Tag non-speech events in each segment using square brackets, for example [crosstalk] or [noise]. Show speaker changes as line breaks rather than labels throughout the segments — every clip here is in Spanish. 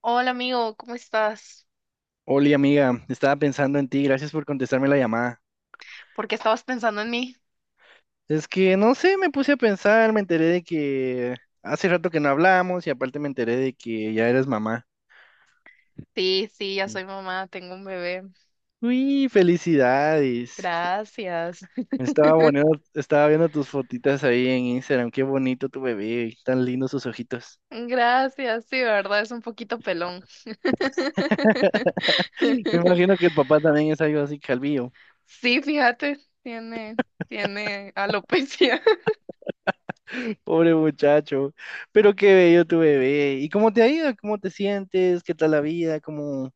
Hola amigo, ¿cómo estás?
Oli, amiga, estaba pensando en ti, gracias por contestarme la llamada.
¿Por qué estabas pensando en mí?
Es que no sé, me puse a pensar, me enteré de que hace rato que no hablamos y aparte me enteré de que ya eres mamá.
Sí, sí, ya
Y-
soy mamá, tengo un bebé.
Uy, felicidades.
Gracias. [laughs]
Estaba bueno, estaba viendo tus fotitas ahí en Instagram, qué bonito tu bebé, tan lindos sus ojitos.
Gracias, sí, de verdad es un poquito pelón.
Me
[laughs]
imagino que el papá también es algo así calvillo.
Sí, fíjate, tiene, tiene alopecia. [laughs]
Pobre muchacho, pero qué bello tu bebé. ¿Y cómo te ha ido? ¿Cómo te sientes? ¿Qué tal la vida? ¿Cómo?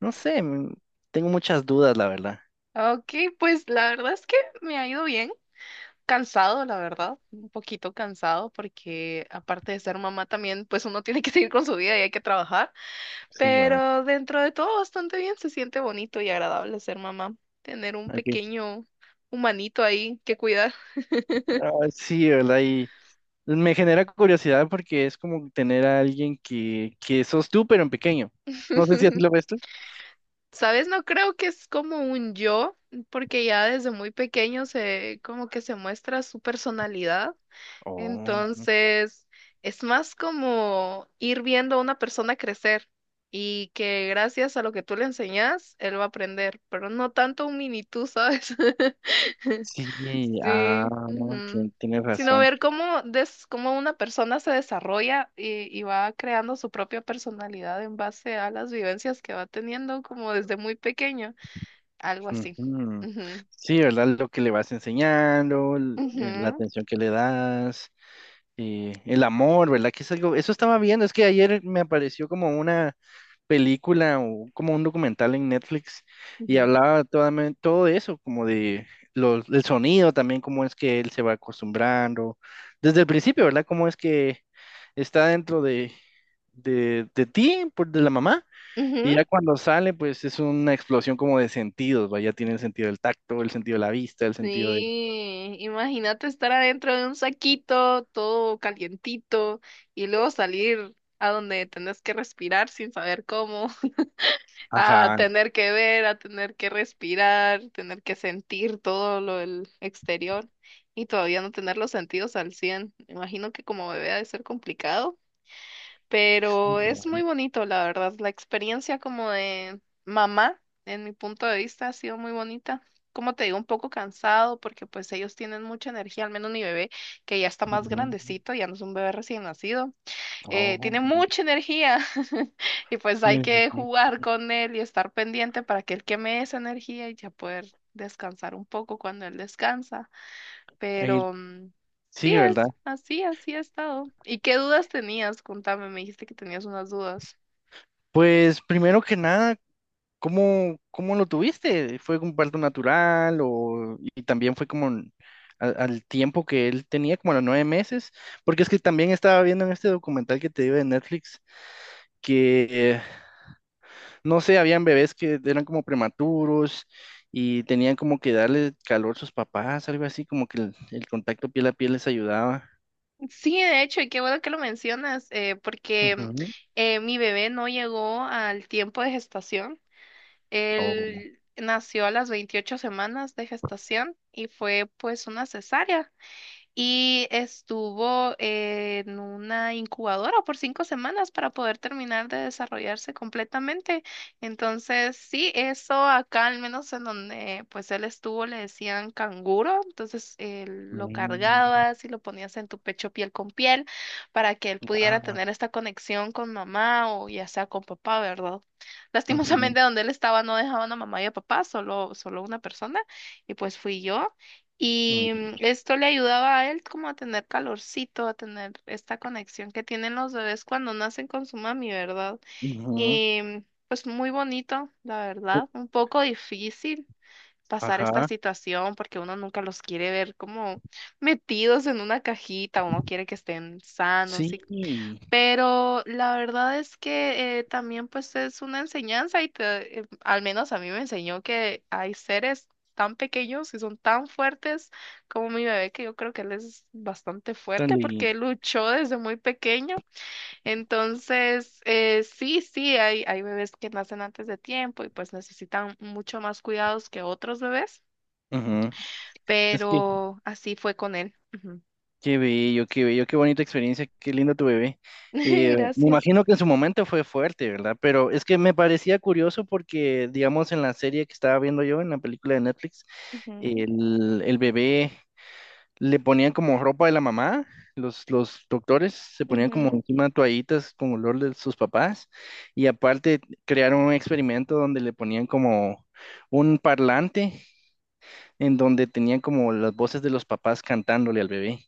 No sé, tengo muchas dudas, la verdad.
Ok, pues la verdad es que me ha ido bien. Cansado, la verdad, un poquito cansado porque aparte de ser mamá también, pues uno tiene que seguir con su vida y hay que trabajar.
Sí, va.
Pero dentro de todo bastante bien, se siente bonito y agradable ser mamá, tener un
Hay que-
pequeño humanito ahí que cuidar.
ah, sí, ¿verdad? Y me genera curiosidad porque es como tener a alguien que sos tú, pero en pequeño. No sé si así lo
[laughs]
ves tú.
¿Sabes? No creo que es como un yo, porque ya desde muy pequeño se como que se muestra su personalidad.
Oh,
Entonces, es más como ir viendo a una persona crecer y que gracias a lo que tú le enseñas, él va a aprender, pero no tanto un mini tú, ¿sabes? [laughs]
sí, ah,
Sí, ujú.
tienes
Sino
razón.
ver cómo una persona se desarrolla y va creando su propia personalidad en base a las vivencias que va teniendo como desde muy pequeño, algo así.
Ujú.
Ujú,
Sí, ¿verdad? Lo que le vas enseñando, la
ujú,
atención que le das, el amor, ¿verdad? Que es algo, eso estaba viendo, es que ayer me apareció como una película o como un documental en Netflix y
ujú,
hablaba todo eso, como de el sonido también, cómo es que él se va acostumbrando desde el principio, ¿verdad? Cómo es que está dentro de ti, de la mamá,
ujú.
y ya cuando sale, pues es una explosión como de sentidos, ¿va? Ya tiene el sentido del tacto, el sentido de la vista, el sentido de...
Sí, imagínate estar adentro de un saquito todo calientito y luego salir a donde tenés que respirar sin saber cómo, a
Ajá.
tener que ver, a tener que respirar, tener que sentir todo lo del exterior y todavía no tener los sentidos al 100. Me imagino que como bebé ha de ser complicado, pero es muy bonito, la verdad. La experiencia como de mamá, en mi punto de vista, ha sido muy bonita. Como te digo, un poco cansado porque pues ellos tienen mucha energía, al menos mi bebé, que ya está más
Ujú.
grandecito, ya no es un bebé recién nacido,
Oh,
tiene mucha energía. [laughs] Y pues hay
me
que
imagino.
jugar con él y estar pendiente para que él queme esa energía y ya poder descansar un poco cuando él descansa.
Eh,
Pero sí
sí, ¿verdad?
es, así, así ha estado. ¿Y qué dudas tenías? Contame, me dijiste que tenías unas dudas.
Pues primero que nada, ¿Cómo lo tuviste? ¿Fue un parto natural o y también fue como al tiempo que él tenía, como a los 9 meses? Porque es que también estaba viendo en este documental que te digo de Netflix que eh, no sé, habían bebés que eran como prematuros y tenían como que darle calor a sus papás, algo así, como que el contacto piel a piel les ayudaba.
Sí, de hecho, y qué bueno que lo mencionas, porque
Ujú.
mi bebé no llegó al tiempo de gestación.
Oh.
Él nació a las 28 semanas de gestación y fue pues una cesárea. Y estuvo en una incubadora por 5 semanas para poder terminar de desarrollarse completamente. Entonces, sí, eso acá, al menos en donde pues él estuvo, le decían canguro. Entonces, lo
Mm.
cargabas y lo ponías en tu pecho piel con piel para que él pudiera
Ah.
tener esta conexión con mamá o ya sea con papá, ¿verdad?
Ujú.
Lastimosamente, donde él estaba no dejaban a mamá y a papá, solo una persona, y pues fui yo. Y
Mm.
esto le ayudaba a él como a tener calorcito, a tener esta conexión que tienen los bebés cuando nacen con su mami, ¿verdad?
Ujú.
Y pues muy bonito, la verdad. Un poco difícil pasar esta
Ajá,
situación porque uno nunca los quiere ver como metidos en una cajita, uno quiere que estén
sí.
sanos, y pero la verdad es que también pues es una enseñanza y al menos a mí me enseñó que hay seres tan pequeños y son tan fuertes como mi bebé, que yo creo que él es bastante
tan
fuerte porque él luchó desde muy pequeño. Entonces, sí, sí, hay bebés que nacen antes de tiempo y pues necesitan mucho más cuidados que otros bebés,
Ujú. Es que
pero así fue con él. Ujú.
qué bello, qué bello, qué bonita experiencia, qué lindo tu bebé.
[laughs]
Me
Gracias.
imagino que en su momento fue fuerte, ¿verdad? Pero es que me parecía curioso porque, digamos, en la serie que estaba viendo yo, en la película de Netflix,
Ujú,
el bebé le ponían como ropa de la mamá, los doctores se ponían como
ujú.
encima toallitas con olor de sus papás y aparte crearon un experimento donde le ponían como un parlante en donde tenían como las voces de los papás cantándole al bebé.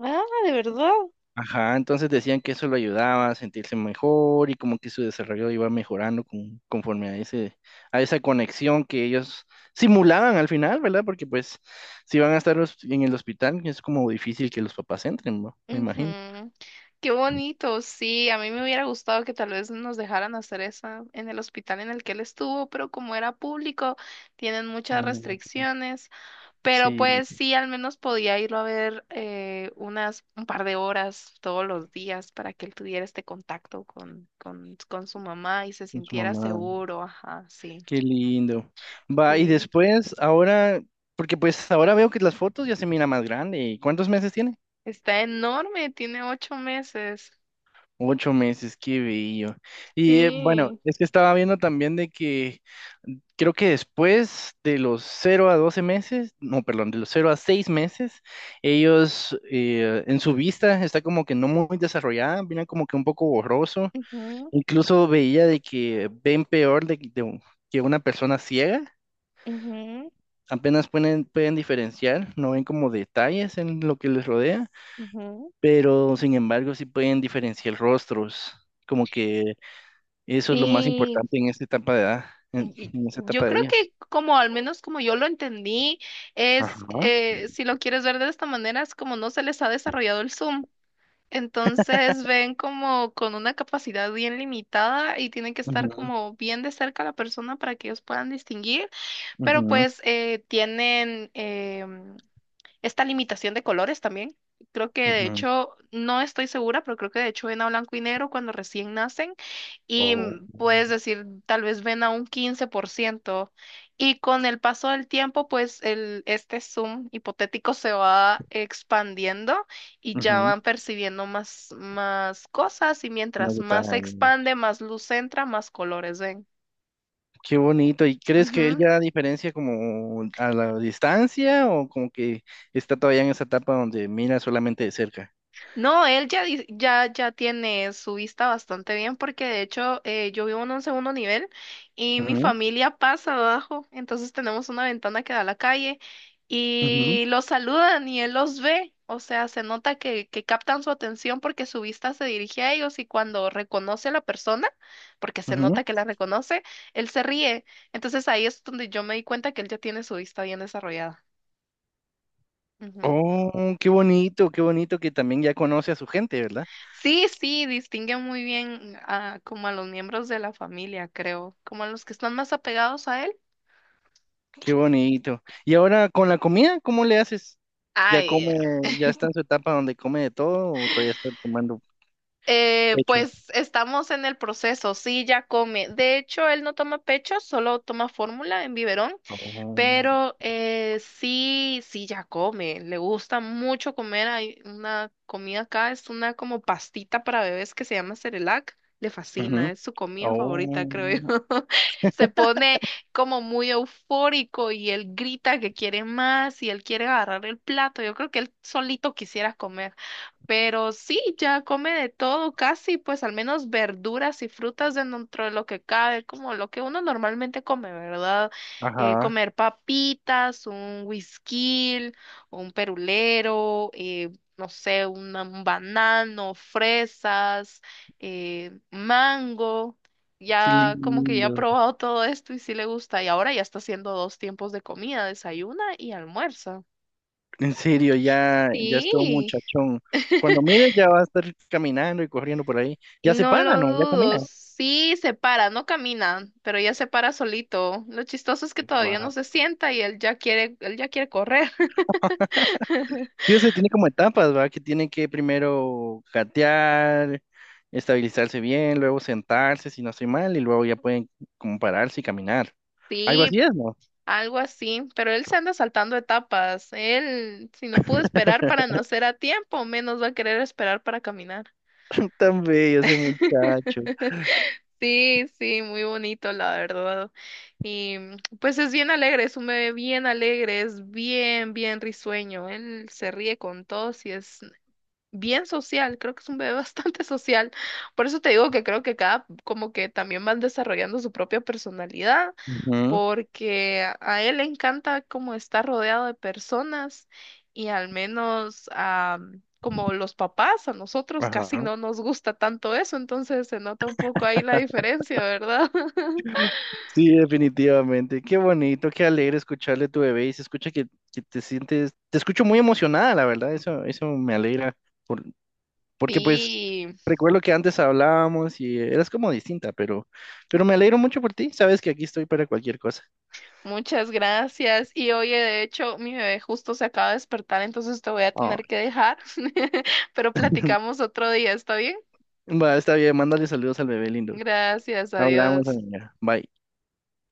Ah, de verdad.
Ajá, entonces decían que eso lo ayudaba a sentirse mejor y como que su desarrollo iba mejorando conforme a ese, a esa conexión que ellos simulaban al final, ¿verdad? Porque pues si van a estar en el hospital, es como difícil que los papás entren, ¿no? Me imagino.
Ujú. Qué bonito, sí, a mí me hubiera gustado que tal vez nos dejaran hacer esa en el hospital en el que él estuvo, pero como era público, tienen muchas
Mm,
restricciones, pero
sí,
pues sí, al menos podía irlo a ver un par de horas todos los días para que él tuviera este contacto con, su mamá y se
con su
sintiera
mamá.
seguro, ajá, sí,
Qué lindo. Va, y
sí.
después, ahora, porque pues ahora veo que las fotos ya se mira más grande. ¿Y cuántos meses tiene?
Está enorme, tiene 8 meses.
8 meses, qué bello. Y bueno,
Sí.
es que estaba viendo también de que creo que después de los 0 a 12 meses, no, perdón, de los 0 a 6 meses, ellos en su vista está como que no muy desarrollada, viene como que un poco borroso.
Ujú,
Incluso veía de que ven peor de que una persona ciega.
ujú,
Apenas pueden diferenciar, no ven como detalles en lo que les rodea,
ujú.
pero sin embargo sí pueden diferenciar rostros, como que eso es lo más
Sí,
importante en esta etapa de edad,
Y-
en esta
Yo
etapa de
creo
ellas.
que como al menos como yo lo entendí,
Ajá.
si lo quieres ver de esta manera, es como no se les ha desarrollado el Zoom. Entonces ven como con una capacidad bien limitada y tienen que estar
Ujú,
como bien de cerca a la persona para que ellos puedan distinguir, pero
ujú,
pues tienen esta limitación de colores también. Creo que de
ujú.
hecho, no estoy segura, pero creo que de hecho ven a blanco y negro cuando recién nacen y
Oh,
puedes decir, tal vez ven a un 15%. Y con el paso del tiempo, pues el, este zoom hipotético se va expandiendo y ya
ujú.
van percibiendo más, más cosas y
Más
mientras más se
detalles.
expande, más luz entra, más colores ven.
Qué bonito. ¿Y crees que él ya diferencia como a la distancia o como que está todavía en esa etapa donde mira solamente de cerca?
No, él ya tiene su vista bastante bien porque de hecho yo vivo en un segundo nivel y mi
Ujú,
familia pasa abajo, entonces tenemos una ventana que da a la calle
ujú,
y los saludan y él los ve, o sea, se nota que captan su atención porque su vista se dirige a ellos y cuando reconoce a la persona, porque se
ujú.
nota que la reconoce, él se ríe. Entonces ahí es donde yo me di cuenta que él ya tiene su vista bien desarrollada.
Oh, qué bonito que también ya conoce a su gente, ¿verdad?
Sí, sí, distingue muy bien como a los miembros de la familia, creo, como a los que están más apegados a él.
Qué bonito. Y ahora con la comida, ¿cómo le haces? ¿Ya
Ay,
come, ya está en su etapa donde come de todo o todavía está tomando pecho?
pues estamos en el proceso, sí, ya come. De hecho, él no toma pecho, solo toma fórmula en biberón.
Oh,
Pero sí, sí, ya come, le gusta mucho comer. Hay una comida acá, es una como pastita para bebés que se llama Cerelac. Le
ujú.
fascina, es su comida favorita, creo
Oh,
yo. [laughs] Se pone como muy eufórico y él grita que quiere más y él quiere agarrar el plato. Yo creo que él solito quisiera comer. Pero sí, ya come de todo, casi, pues al menos verduras y frutas dentro de lo que cabe, como lo que uno normalmente come, ¿verdad?
ajá,
Comer papitas, un whisky, un perulero, no sé, un banano, fresas, mango.
qué
Ya como que ya ha
lindo.
probado todo esto y sí le gusta. Y ahora ya está haciendo dos tiempos de comida, desayuna y almuerza.
En serio, ya, ya es todo un
Sí,
muchachón. Cuando mires ya va a estar caminando y corriendo por ahí. Ya se
no
para,
lo
¿no? Ya
dudo,
camina.
sí se para, no camina, pero ya se para solito. Lo chistoso es que todavía no
Wow.
se sienta y él ya quiere correr. [laughs]
Sí, o sea, tiene como etapas, ¿verdad? Que tiene que primero gatear, estabilizarse bien, luego sentarse, si no estoy mal, y luego ya pueden como pararse y caminar. Algo
Sí,
así es, ¿no?
algo así, pero él se anda saltando etapas. Él, si no pudo esperar para
[laughs]
nacer a tiempo, menos va a querer esperar para caminar.
Tan bello ese muchacho.
Sí, sí, muy bonito, la verdad. Y pues es bien alegre, es un bebé bien alegre, es bien, bien risueño. Él se ríe con todos y es bien social, creo que es un bebé [laughs] bastante social. Por eso te digo que creo que como que también van desarrollando su propia personalidad,
Ujú,
porque a él le encanta como estar rodeado de personas y al menos como los papás, a nosotros casi
ajá.
no nos gusta tanto eso, entonces se nota un poco ahí la diferencia, ¿verdad? [laughs]
Sí, definitivamente. Qué bonito, qué alegre escucharle a tu bebé y se escucha que te sientes, te escucho muy emocionada, la verdad, eso me alegra. Por, porque pues
Sí.
recuerdo que antes hablábamos y eras como distinta, pero me alegro mucho por ti, sabes que aquí estoy para cualquier cosa.
Muchas gracias. Y oye, de hecho, mi bebé justo se acaba de despertar, entonces te voy a
Ah,
tener que dejar, [laughs] pero platicamos otro día, ¿está bien?
va, está bien, mándale saludos al bebé lindo.
Gracias,
Hablamos,
adiós.
amiga. Bye.